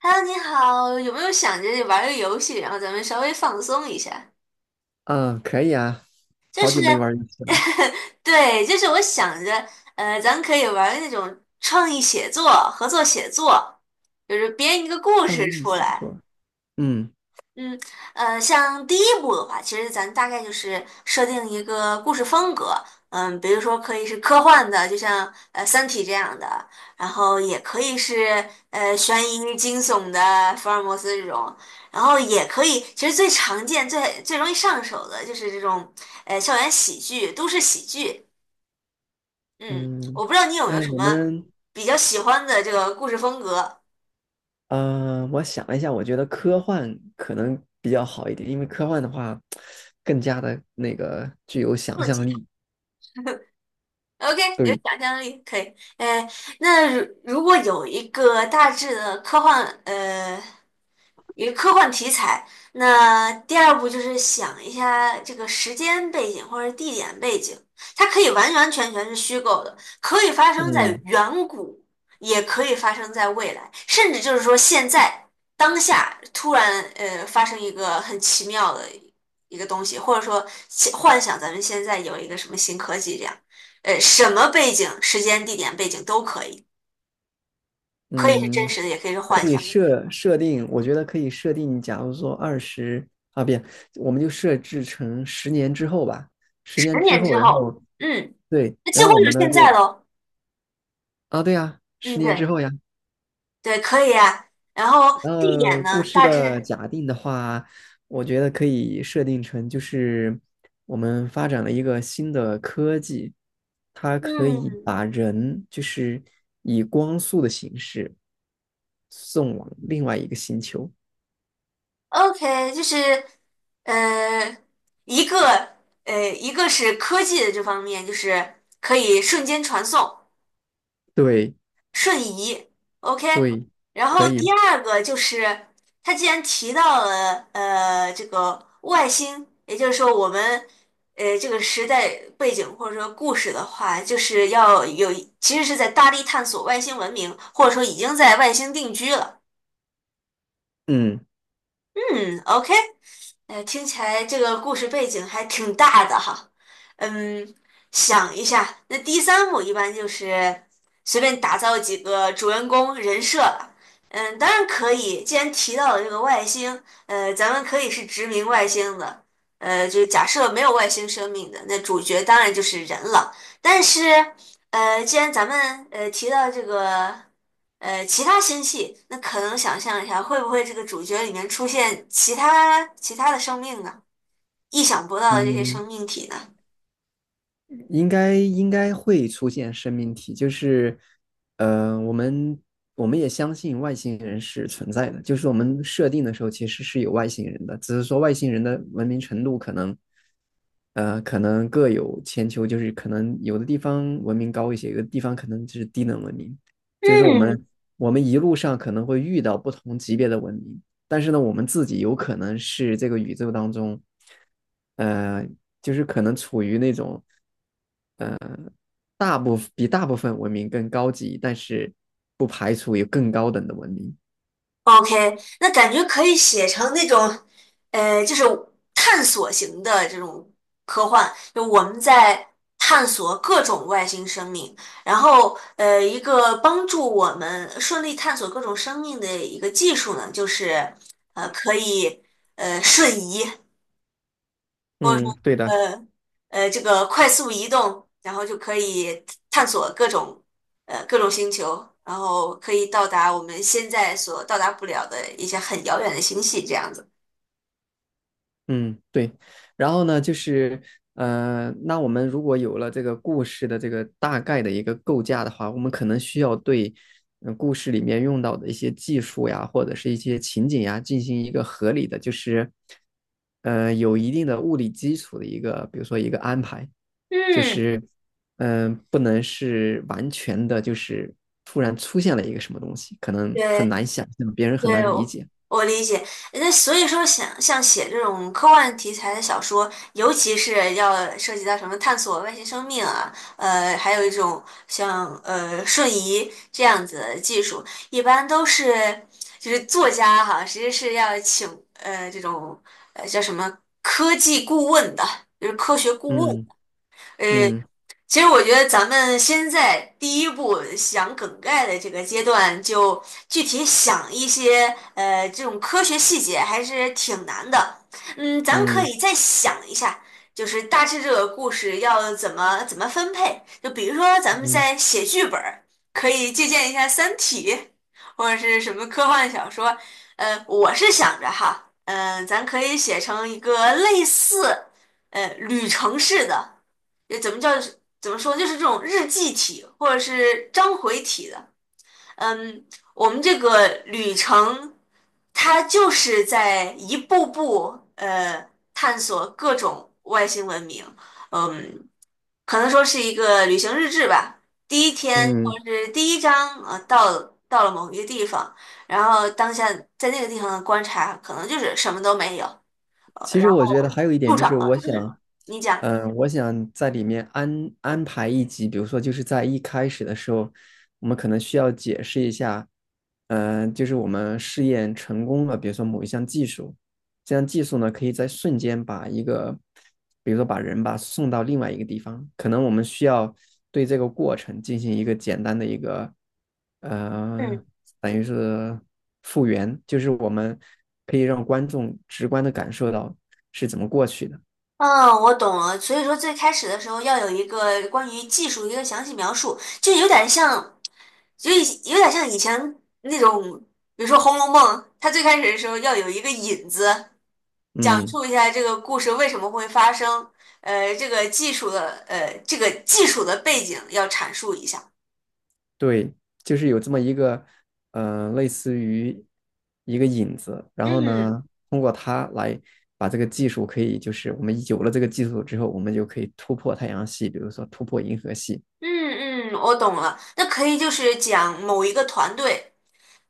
Hello，你好，有没有想着玩个游戏，然后咱们稍微放松一下？嗯，可以啊，就好是，久没玩儿游戏了。对，就是我想着，咱可以玩那种创意写作、合作写作，就是编一个故创事意出写来。作，嗯嗯，像第一部的话，其实咱大概就是设定一个故事风格。嗯，比如说可以是科幻的，就像《三体》这样的，然后也可以是悬疑惊悚的福尔摩斯这种，然后也可以，其实最常见、最容易上手的就是这种校园喜剧、都市喜剧。嗯，嗯，我不知道你有没有那什我么们，比较喜欢的这个故事风格。我想了一下，我觉得科幻可能比较好一点，因为科幻的话，更加的那个具有想象力。OK，有对，想象力，可以。哎，那如果有一个大致的科幻，一个科幻题材，那第二步就是想一下这个时间背景或者地点背景。它可以完完全全是虚构的，可以发生在嗯远古，也可以发生在未来，甚至就是说现在当下突然发生一个很奇妙的一个东西，或者说幻想咱们现在有一个什么新科技这样。什么背景、时间、地点、背景都可以，可以是真嗯，实的，也可以是可幻以想。设定，我觉得可以设定，假如说二十啊，不，我们就设置成十年之后吧，十十年之年后，之然后，后嗯，对，那几然乎后我就们是呢现在就喽。啊，对呀，十嗯，年之对后呀。对，可以啊。然后地点故呢，事大致，的假定的话，我觉得可以设定成就是我们发展了一个新的科技，它可以嗯把人就是以光速的形式送往另外一个星球。，OK，就是呃，一个一个是科技的这方面，就是可以瞬间传送，对瞬移，OK。对，然可后第以，二个就是，他既然提到了这个外星，也就是说我们这个时代背景或者说故事的话，就是要有其实是在大力探索外星文明，或者说已经在外星定居了。嗯嗯，OK。听起来这个故事背景还挺大的哈。嗯，想一下，那第三幕一般就是随便打造几个主人公人设吧。嗯，当然可以。既然提到了这个外星，咱们可以是殖民外星的。就假设没有外星生命的，那主角当然就是人了。但是，既然咱们提到这个。其他星系，那可能想象一下，会不会这个主角里面出现其他的生命呢？意想不到的这些嗯。生命体呢。应该会出现生命体，就是，呃，我们我们也相信外星人是存在的，就是我们设定的时候其实是有外星人的，只是说外星人的文明程度可能，可能各有千秋，就是可能有的地方文明高一些，有的地方可能就是低等文明，就是我们嗯，我们一路上可能会遇到不同级别的文明，但是呢，我们自己有可能是这个宇宙当中，呃，就是可能处于那种。大部分比大部分文明更高级，但是不排除有更高等的文明。？OK，那感觉可以写成那种，就是探索型的这种科幻，就我们在探索各种外星生命，然后一个帮助我们顺利探索各种生命的一个技术呢，就是可以瞬移。嗯，对的。呃这个快速移动，然后就可以探索各种各种星球，然后可以到达我们现在所到达不了的一些很遥远的星系，这样子。嗯，对。然后呢，就是那我们如果有了这个故事的这个大概的一个构架的话，我们可能需要对故事里面用到的一些技术呀，或者是一些情景呀，进行一个合理的，就是有一定的物理基础的一个，比如说一个安排，就嗯，是不能是完全的，就是突然出现了一个什么东西，可能很对，难想象，别人很对，难理我解。我理解。那所以说想，像写这种科幻题材的小说，尤其是要涉及到什么探索外星生命啊，还有一种像瞬移这样子的技术，一般都是就是作家哈，其实是要请这种叫什么科技顾问的，就是科学顾问。嗯呃。嗯其实我觉得咱们先在第一步想梗概的这个阶段，就具体想一些这种科学细节，还是挺难的。嗯，咱们可嗯以再想一下，就是大致这个故事要怎么怎么分配。就比如说咱们嗯。在写剧本儿，可以借鉴一下《三体》或者是什么科幻小说。我是想着哈，嗯、咱可以写成一个类似旅程式的。也怎么叫怎么说，就是这种日记体或者是章回体的。嗯，我们这个旅程，它就是在一步步探索各种外星文明。嗯，可能说是一个旅行日志吧。第一天或嗯，者是第一章，到了某一个地方，然后当下在那个地方的观察，可能就是什么都没有，其然实后我觉得还有一点助就是，长了。我嗯，想，你讲。我想在里面安排一集，比如说就是在一开始的时候，我们可能需要解释一下，就是我们试验成功了，比如说某一项技术，这样技术呢，可以在瞬间把一个，比如说把人吧送到另外一个地方，可能我们需要对这个过程进行一个简单的一个，嗯。呃，等于是复原，就是我们可以让观众直观的感受到是怎么过去的。嗯，我懂了。所以说，最开始的时候要有一个关于技术的一个详细描述，就有点像，就有点像以前那种，比如说《红楼梦》，它最开始的时候要有一个引子，讲嗯，述一下这个故事为什么会发生。这个技术的，这个技术的背景要阐述一下。对，就是有这么一个，类似于一个引子，然后嗯呢，通过它来把这个技术可以，就是我们有了这个技术之后，我们就可以突破太阳系，比如说突破银河系。嗯嗯，我懂了。那可以就是讲某一个团队。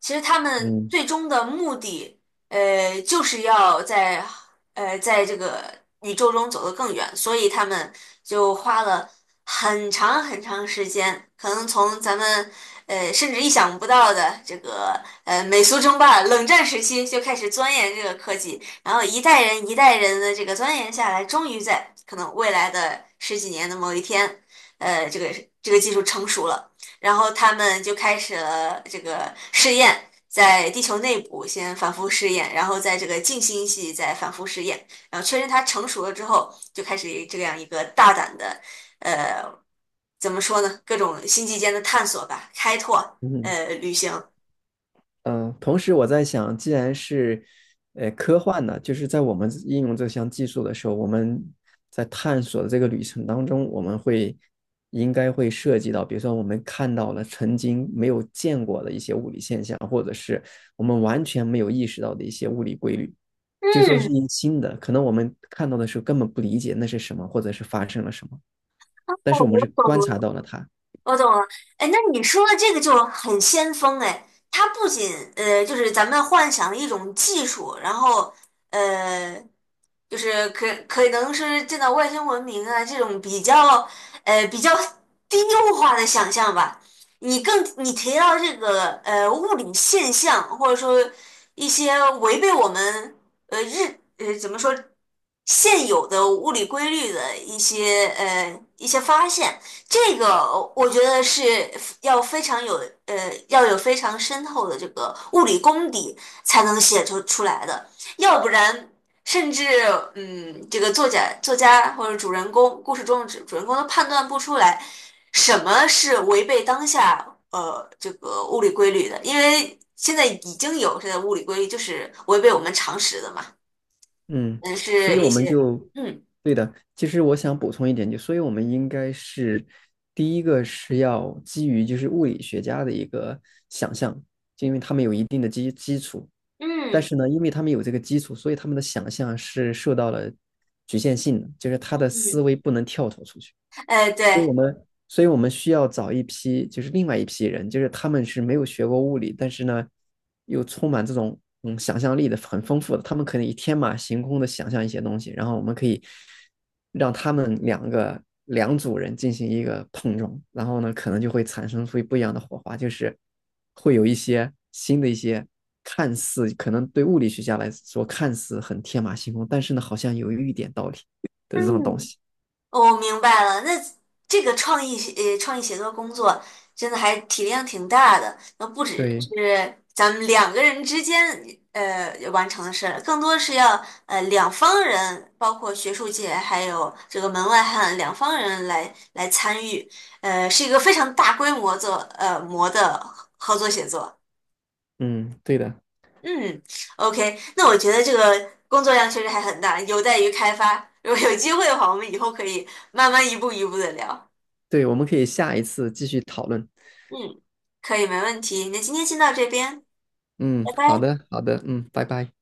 其实他们嗯最终的目的，就是要在在这个宇宙中走得更远，所以他们就花了很长很长时间，可能从咱们甚至意想不到的这个美苏争霸、冷战时期就开始钻研这个科技，然后一代人一代人的这个钻研下来，终于在可能未来的十几年的某一天，呃，这个这个技术成熟了。然后他们就开始了这个试验，在地球内部先反复试验，然后在这个近星系再反复试验，然后确认它成熟了之后，就开始这样一个大胆的，呃，怎么说呢？各种星际间的探索吧，开拓，嗯，旅行。嗯，同时我在想，既然是科幻呢，就是在我们应用这项技术的时候，我们在探索的这个旅程当中，我们会应该会涉及到，比如说我们看到了曾经没有见过的一些物理现象，或者是我们完全没有意识到的一些物理规律，就说是嗯，一新的，可能我们看到的时候根本不理解那是什么，或者是发生了什么，但哦是我们我是观察懂到了它。我懂了，哎，那你说的这个就很先锋哎。它不仅就是咱们幻想一种技术，然后呃，就是可能是见到外星文明啊这种比较比较低幼化的想象吧。你提到这个物理现象，或者说一些违背我们。呃日呃怎么说现有的物理规律的一些一些发现，这个我觉得是要非常有要有非常深厚的这个物理功底才能写出来的，要不然。甚至嗯，这个作家或者主人公故事中的主人公都判断不出来什么是违背当下这个物理规律的，因为现在已经有这个物理规律就是违背我们常识的嘛。嗯，嗯，所以是一我们些就，嗯对的。其实我想补充一点，就所以我们应该是第一个是要基于就是物理学家的一个想象，就因为他们有一定的基础，但嗯，是呢，因为他们有这个基础，所以他们的想象是受到了局限性的，就是他的思嗯，维不能跳脱出去。哎对。所以我们需要找一批，就是另外一批人，就是他们是没有学过物理，但是呢，又充满这种想象力的，很丰富的，他们可能以天马行空的想象一些东西，然后我们可以让他们两组人进行一个碰撞，然后呢，可能就会产生出不一样的火花，就是会有一些新的一些。看似可能对物理学家来说看似很天马行空，但是呢，好像有一点道理的这种东嗯。西。我明白了。那这个创意写作工作真的还体量挺大的，那不只对，是咱们两个人之间完成的事儿，更多是要两方人，包括学术界还有这个门外汉两方人来参与，是一个非常大规模模的合作写作。嗯，对的。嗯，OK，那我觉得这个工作量确实还很大，有待于开发。如果有机会的话，我们以后可以慢慢一步一步的聊。对，我们可以下一次继续讨论。嗯，可以，没问题。那今天先到这边，嗯，拜好拜。的，好的，嗯，拜拜。